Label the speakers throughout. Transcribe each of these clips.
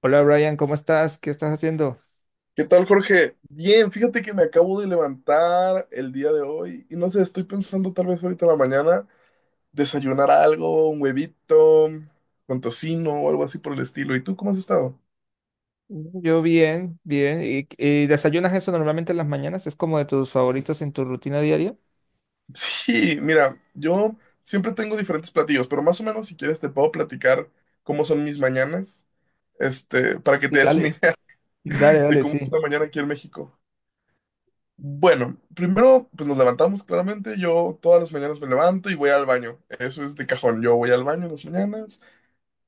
Speaker 1: Hola Brian, ¿cómo estás? ¿Qué estás haciendo?
Speaker 2: ¿Qué tal, Jorge? Bien, fíjate que me acabo de levantar el día de hoy y no sé, estoy pensando tal vez ahorita en la mañana desayunar algo, un huevito con tocino o algo así por el estilo. ¿Y tú cómo has estado?
Speaker 1: Yo bien, bien. ¿Y desayunas eso normalmente en las mañanas? ¿Es como de tus favoritos en tu rutina diaria?
Speaker 2: Sí, mira, yo siempre tengo diferentes platillos, pero más o menos si quieres te puedo platicar cómo son mis mañanas, para que
Speaker 1: Sí,
Speaker 2: te des una
Speaker 1: dale.
Speaker 2: idea
Speaker 1: Dale,
Speaker 2: de
Speaker 1: dale,
Speaker 2: cómo es
Speaker 1: sí.
Speaker 2: una mañana aquí en México. Bueno, primero pues nos levantamos claramente, yo todas las mañanas me levanto y voy al baño, eso es de cajón, yo voy al baño en las mañanas,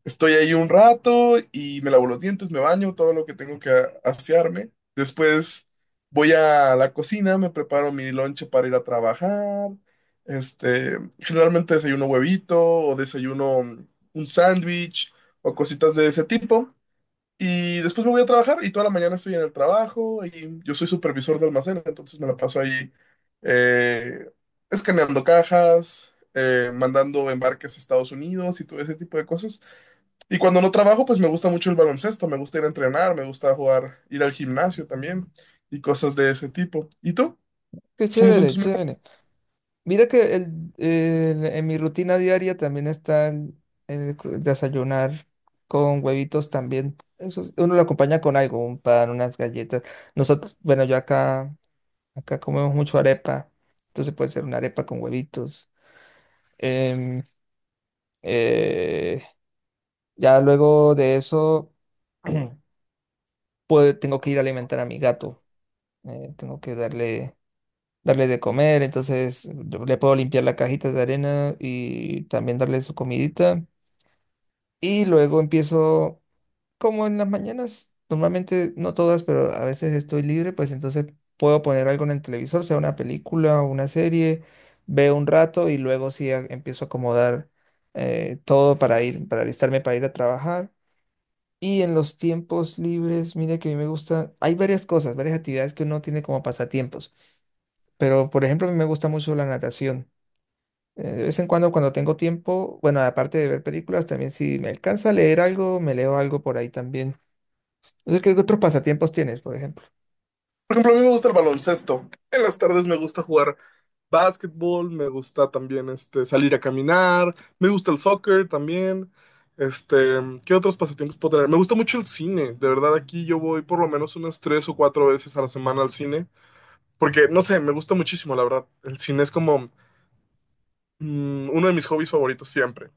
Speaker 2: estoy ahí un rato y me lavo los dientes, me baño, todo lo que tengo que asearme, después voy a la cocina, me preparo mi lonche para ir a trabajar, generalmente desayuno huevito o desayuno un sándwich o cositas de ese tipo. Y después me voy a trabajar y toda la mañana estoy en el trabajo y yo soy supervisor de almacén, entonces me la paso ahí eh, escaneando cajas, mandando embarques a Estados Unidos y todo ese tipo de cosas. Y cuando no trabajo, pues me gusta mucho el baloncesto, me gusta ir a entrenar, me gusta jugar, ir al gimnasio también y cosas de ese tipo. ¿Y tú?
Speaker 1: Qué
Speaker 2: ¿Cómo son
Speaker 1: chévere,
Speaker 2: tus metas?
Speaker 1: chévere. Mira que en mi rutina diaria también está desayunar con huevitos también. Eso uno lo acompaña con algo, un pan, unas galletas. Nosotros, bueno, acá comemos mucho arepa, entonces puede ser una arepa con huevitos. Em, eh, Ya luego de eso, pues tengo que ir a alimentar a mi gato. eh, tengo que darle, darle de comer, entonces yo le puedo limpiar la cajita de arena y también darle su comidita. Y luego como en las mañanas, normalmente no todas, pero a veces estoy libre, pues entonces puedo poner algo en el televisor, sea una película o una serie, veo un rato y luego sí empiezo a acomodar todo para para alistarme para ir a trabajar. Y en los tiempos libres, mira que a mí me gusta, hay varias cosas, varias actividades que uno tiene como pasatiempos, pero por ejemplo a mí me gusta mucho la natación. De vez en cuando cuando tengo tiempo, bueno, aparte de ver películas, también si me alcanza a leer algo, me leo algo por ahí también. O sea, ¿qué otros pasatiempos tienes, por ejemplo?
Speaker 2: Por ejemplo, a mí me gusta el baloncesto. En las tardes me gusta jugar básquetbol, me gusta también salir a caminar, me gusta el soccer también. Este, ¿Qué otros pasatiempos puedo tener? Me gusta mucho el cine, de verdad aquí yo voy por lo menos unas tres o cuatro veces a la semana al cine, porque no sé, me gusta muchísimo, la verdad. El cine es como uno de mis hobbies favoritos siempre.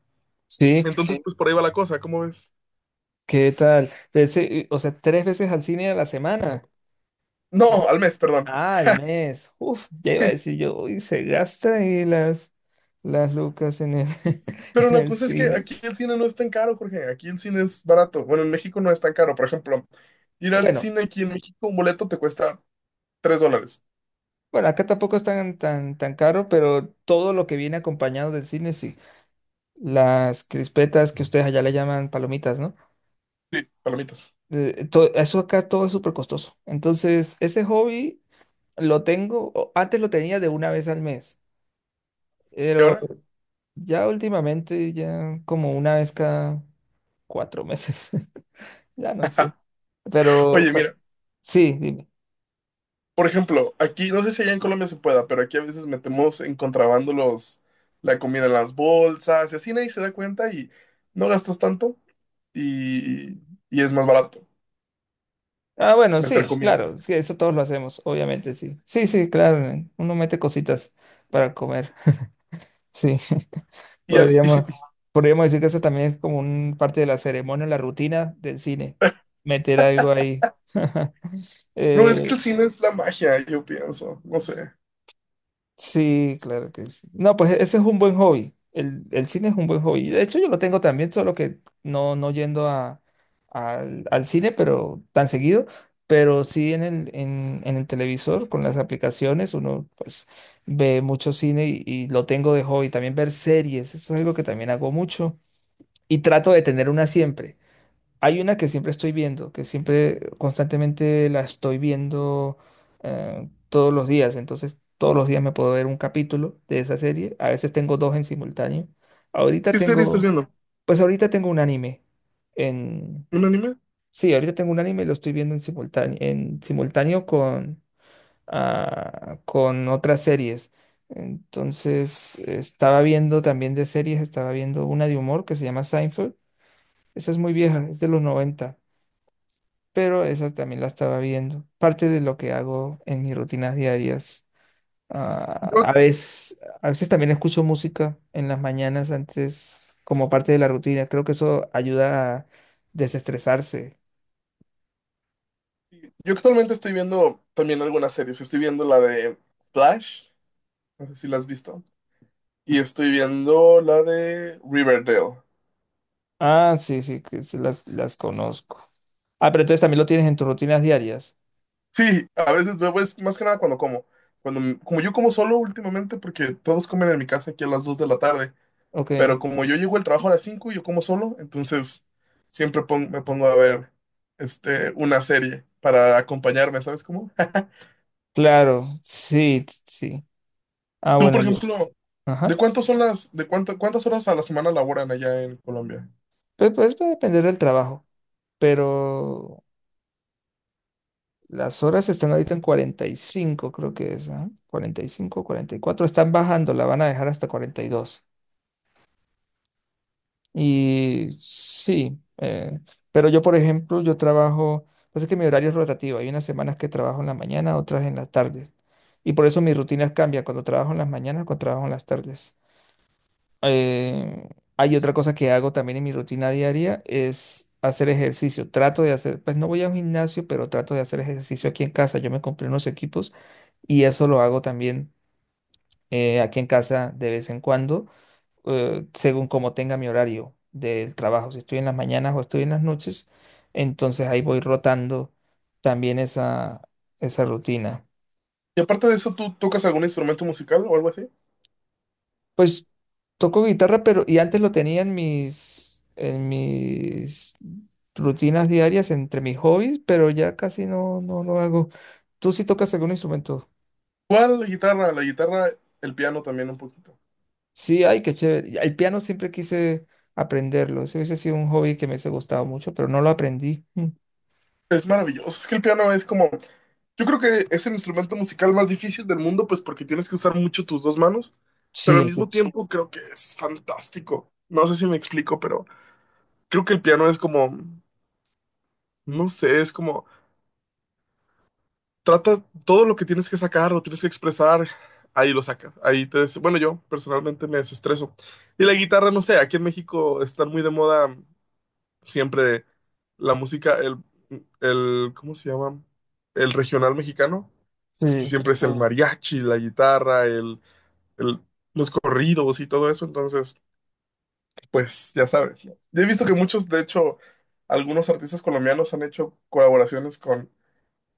Speaker 1: Sí,
Speaker 2: Entonces, sí, pues por ahí va la cosa, ¿cómo ves?
Speaker 1: ¿qué tal? Ese, tres veces al cine a la semana.
Speaker 2: No, al mes, perdón.
Speaker 1: Ah, al mes. Uf, ya iba a decir yo, uy, se gasta ahí las lucas en
Speaker 2: Pero
Speaker 1: en
Speaker 2: la
Speaker 1: el
Speaker 2: cosa es que
Speaker 1: cine.
Speaker 2: aquí el cine no es tan caro, Jorge. Aquí el cine es barato. Bueno, en México no es tan caro. Por ejemplo, ir al
Speaker 1: Bueno.
Speaker 2: cine aquí en México, un boleto te cuesta $3.
Speaker 1: Bueno, acá tampoco es tan caro, pero todo lo que viene acompañado del cine, sí. Las crispetas que ustedes allá le llaman palomitas, ¿no?
Speaker 2: Sí, palomitas.
Speaker 1: Eso acá todo es súper costoso. Entonces, ese hobby lo antes lo tenía de una vez al mes,
Speaker 2: ¿Y
Speaker 1: pero
Speaker 2: ahora?
Speaker 1: ya últimamente, ya como una vez cada cuatro meses, ya no sé. Pero,
Speaker 2: Oye,
Speaker 1: pe-
Speaker 2: mira,
Speaker 1: sí, dime.
Speaker 2: por ejemplo, aquí, no sé si allá en Colombia se pueda, pero aquí a veces metemos en contrabando la comida en las bolsas y así nadie se da cuenta y no gastas tanto y, y es más barato
Speaker 1: Ah, bueno,
Speaker 2: meter
Speaker 1: sí,
Speaker 2: comida.
Speaker 1: claro, sí, eso todos lo hacemos, obviamente, sí. Sí, sí, claro, uno mete cositas para comer. Sí,
Speaker 2: Y así,
Speaker 1: podríamos, podríamos decir que eso también es como un parte de la ceremonia, la rutina del cine, meter algo ahí.
Speaker 2: bro, es que
Speaker 1: Eh,
Speaker 2: el cine es la magia, yo pienso, no sé.
Speaker 1: sí, claro que sí. No, pues ese es un buen hobby. El cine es un buen hobby. De hecho, yo lo tengo también, solo que no yendo al cine, pero tan seguido, pero sí en en el televisor, con las aplicaciones, uno pues ve mucho cine y lo tengo de hobby. También ver series, eso es algo que también hago mucho. Y trato de tener una siempre. Hay una que siempre estoy viendo, que siempre constantemente la estoy viendo todos los días, entonces todos los días me puedo ver un capítulo de esa serie, a veces tengo dos en simultáneo. Ahorita
Speaker 2: ¿Qué serie estás
Speaker 1: tengo,
Speaker 2: viendo?
Speaker 1: pues ahorita tengo un anime en...
Speaker 2: ¿Un anime?
Speaker 1: Sí, ahorita tengo un anime, y lo estoy viendo en simultáneo con, ah, con otras series. Entonces, estaba viendo también de series, estaba viendo una de humor que se llama Seinfeld. Esa es muy vieja, es de los noventa, pero esa también la estaba viendo. Parte de lo que hago en mis rutinas diarias. Ah,
Speaker 2: Yo,
Speaker 1: a veces también escucho música en las mañanas antes como parte de la rutina. Creo que eso ayuda a desestresarse.
Speaker 2: yo actualmente estoy viendo también algunas series, estoy viendo la de Flash, no sé si la has visto, y estoy viendo la de Riverdale.
Speaker 1: Ah, sí, sí, que sí las conozco. Ah, pero entonces también lo tienes en tus rutinas diarias.
Speaker 2: Sí, a veces luego es más que nada cuando como. Como yo como solo últimamente, porque todos comen en mi casa aquí a las 2 de la tarde,
Speaker 1: Ok,
Speaker 2: pero como yo llego al trabajo a las 5 y yo como solo, entonces siempre me pongo a ver una serie para acompañarme, ¿sabes cómo?
Speaker 1: claro, sí, sí. Ah,
Speaker 2: Tú, por
Speaker 1: bueno, yo.
Speaker 2: ejemplo, ¿de
Speaker 1: Ajá.
Speaker 2: cuántos son las, de cuánto- ¿cuántas horas a la semana laboran allá en Colombia?
Speaker 1: Pues va a depender del trabajo, pero las horas están ahorita en 45, creo que es, ¿ah? 45, 44. Están bajando, la van a dejar hasta 42. Y dos. Y sí, pero yo, por ejemplo, pasa que mi horario es rotativo. Hay unas semanas que trabajo en la mañana, otras en la tarde. Y por eso mis rutinas cambian cuando trabajo en las mañanas, cuando trabajo en las tardes. Eh, hay otra cosa que hago también en mi rutina diaria, es hacer ejercicio. Trato de hacer, pues no voy a un gimnasio, pero trato de hacer ejercicio aquí en casa. Yo me compré unos equipos y eso lo hago también aquí en casa de vez en cuando, según como tenga mi horario del trabajo. Si estoy en las mañanas o estoy en las noches, entonces ahí voy rotando también esa rutina.
Speaker 2: Y aparte de eso, ¿tú tocas algún instrumento musical o algo así?
Speaker 1: Pues toco guitarra, pero y antes lo tenía en mis rutinas diarias entre mis hobbies, pero ya casi no lo hago. ¿Tú sí tocas algún instrumento?
Speaker 2: ¿Cuál? La guitarra, el piano también un poquito.
Speaker 1: Sí, ay, qué chévere. Y el piano siempre quise aprenderlo. Ese hubiese sido un hobby que me hubiese gustado mucho, pero no lo aprendí. Mm.
Speaker 2: Es maravilloso. Es que el piano es como, yo creo que es el instrumento musical más difícil del mundo, pues porque tienes que usar mucho tus dos manos, pero
Speaker 1: Sí,
Speaker 2: al
Speaker 1: hay que-
Speaker 2: mismo, sí, tiempo creo que es fantástico. No sé si me explico, pero creo que el piano es como, no sé, es como, trata todo lo que tienes que sacar lo tienes que expresar, ahí lo sacas. Bueno, yo personalmente me desestreso. Y la guitarra, no sé, aquí en México están muy de moda siempre la música, el, ¿cómo se llama? El regional mexicano. Es que
Speaker 1: sí,
Speaker 2: siempre es el, ujú, mariachi, la guitarra, el- los corridos y todo eso. Entonces, pues ya sabes, ¿no? Yo he visto que muchos, de hecho, algunos artistas colombianos han hecho colaboraciones con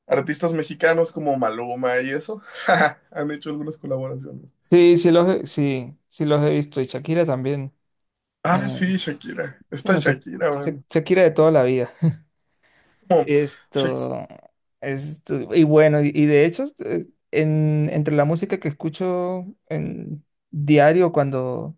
Speaker 2: artistas mexicanos como Maluma y eso. Han hecho algunas colaboraciones.
Speaker 1: sí los he visto y Shakira también. Eh,
Speaker 2: Ah, sí, Shakira. Esta
Speaker 1: bueno,
Speaker 2: Shakira, man.
Speaker 1: Shakira de toda la vida.
Speaker 2: Como, Shak-
Speaker 1: Esto, y bueno, y de hecho, entre la música que escucho en diario, cuando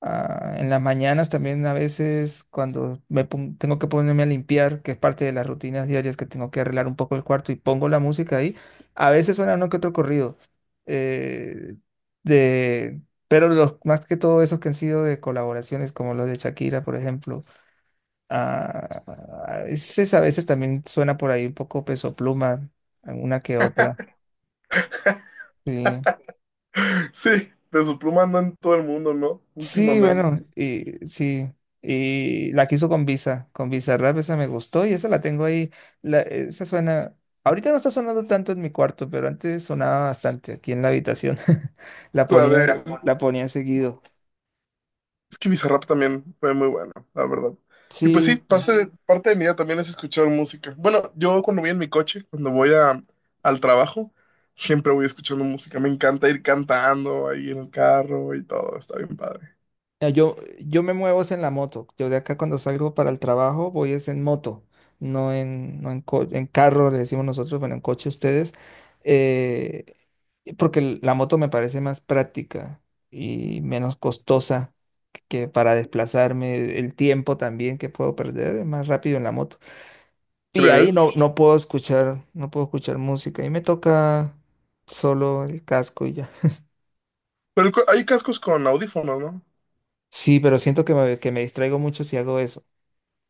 Speaker 1: ah, en las mañanas también a veces, cuando tengo que ponerme a limpiar, que es parte de las rutinas diarias que tengo que arreglar un poco el cuarto y pongo la música ahí, a veces suena uno que otro corrido, eh, de, pero más que todo esos que han sido de colaboraciones, como los de Shakira, por ejemplo. Ah, a veces también suena por ahí un poco Peso Pluma, alguna que otra. Sí,
Speaker 2: sí, de su pluma andan en todo el mundo, ¿no?
Speaker 1: sí,
Speaker 2: Últimamente.
Speaker 1: bueno, y sí. Y la quiso con Visa, con Bizarrap, esa me gustó y esa la tengo ahí. Esa suena. Ahorita no está sonando tanto en mi cuarto, pero antes sonaba bastante aquí en la habitación. La
Speaker 2: La
Speaker 1: ponían,
Speaker 2: de...
Speaker 1: la ponían seguido.
Speaker 2: Es que Bizarrap también fue muy bueno, la verdad. Y pues sí,
Speaker 1: Sí,
Speaker 2: parte de, sí, parte de mi día también es escuchar música. Bueno, yo cuando voy en mi coche, cuando voy al trabajo, siempre voy escuchando música. Me encanta ir cantando ahí en el carro y todo. Está bien padre.
Speaker 1: ya, yo me muevo es en la moto. Yo de acá cuando salgo para el trabajo voy es en moto, no en, no en, co- en carro, le decimos nosotros, bueno, en coche ustedes, eh, porque la moto me parece más práctica y menos costosa, que para desplazarme, el tiempo también que puedo perder es más rápido en la moto. Y ahí
Speaker 2: ¿Crees?
Speaker 1: no puedo escuchar música y me toca solo el casco y ya.
Speaker 2: Pero hay cascos con audífonos, ¿no?
Speaker 1: Sí, pero siento que que me distraigo mucho si hago eso.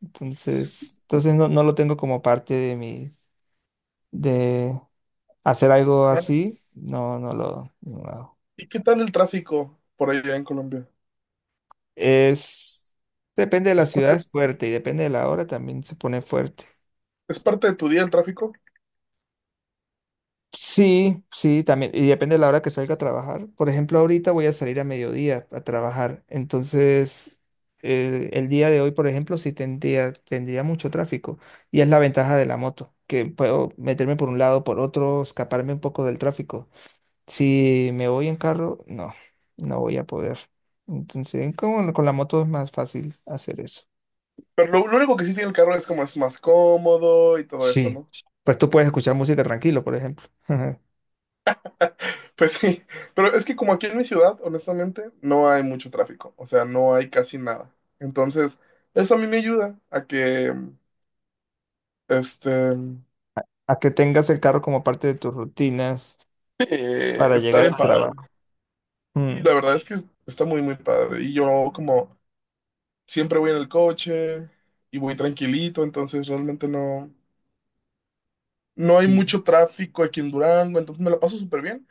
Speaker 1: Entonces no, no lo tengo como parte de de hacer algo
Speaker 2: Claro.
Speaker 1: así, no lo hago.
Speaker 2: ¿Y qué tal el tráfico por allá en Colombia?
Speaker 1: Es, depende de la
Speaker 2: ¿Es
Speaker 1: ciudad,
Speaker 2: parte,
Speaker 1: es fuerte, y depende de la hora también se pone fuerte.
Speaker 2: es parte de tu día el tráfico?
Speaker 1: Sí, sí, también, y depende de la hora que salga a trabajar. Por ejemplo, ahorita voy a salir a mediodía a trabajar, entonces el día de hoy, por ejemplo, sí tendría mucho tráfico, y es la ventaja de la moto, que puedo meterme por un lado, por otro, escaparme un poco del tráfico. Si me voy en carro, no, no voy a poder. Entonces, con la moto es más fácil hacer eso.
Speaker 2: Pero lo único que sí tiene el carro es como es más cómodo y todo eso,
Speaker 1: Sí.
Speaker 2: ¿no?
Speaker 1: Pues tú puedes escuchar música tranquilo, por ejemplo.
Speaker 2: Pues sí, pero es que como aquí en mi ciudad, honestamente, no hay mucho tráfico, o sea, no hay casi nada. Entonces, eso a mí me ayuda a este,
Speaker 1: A que tengas el carro como parte de tus rutinas para
Speaker 2: está
Speaker 1: llegar
Speaker 2: bien
Speaker 1: al
Speaker 2: padre.
Speaker 1: trabajo.
Speaker 2: Sí,
Speaker 1: Mm.
Speaker 2: la verdad es que está muy, muy padre. Y yo como siempre voy en el coche y voy tranquilito, entonces realmente no hay
Speaker 1: Sí.
Speaker 2: mucho tráfico aquí en Durango, entonces me la paso súper bien.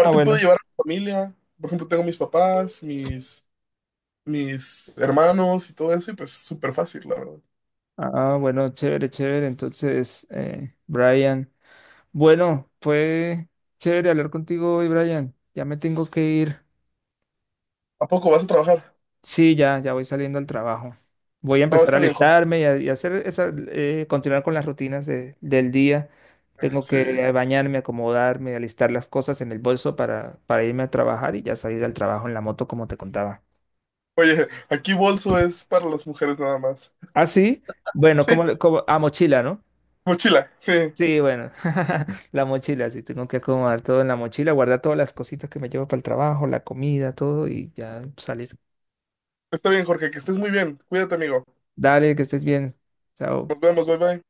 Speaker 1: Ah,
Speaker 2: puedo
Speaker 1: bueno.
Speaker 2: llevar a mi familia, por ejemplo, tengo mis papás, mis hermanos y todo eso, y pues súper fácil, la verdad.
Speaker 1: Ah, bueno, chévere, chévere. Entonces, Brian. Bueno, fue chévere hablar contigo hoy, Brian. Ya me tengo que ir.
Speaker 2: ¿A poco vas a trabajar?
Speaker 1: Sí, ya voy saliendo al trabajo. Voy a
Speaker 2: No,
Speaker 1: empezar a
Speaker 2: está bien, Jorge.
Speaker 1: alistarme y a hacer esa, continuar con las rutinas del día. Tengo
Speaker 2: Sí.
Speaker 1: que bañarme, acomodarme, alistar las cosas en el bolso para irme a trabajar y ya salir al trabajo en la moto, como te contaba.
Speaker 2: Oye, aquí bolso es para las mujeres nada más.
Speaker 1: Ah, sí, bueno,
Speaker 2: Sí,
Speaker 1: como a mochila, ¿no?
Speaker 2: mochila, sí.
Speaker 1: Sí, bueno, la mochila, sí, tengo que acomodar todo en la mochila, guardar todas las cositas que me llevo para el trabajo, la comida, todo y ya salir.
Speaker 2: Está bien, Jorge, que estés muy bien. Cuídate, amigo.
Speaker 1: Dale, que estés bien. Chao.
Speaker 2: Nos vemos, bye bye.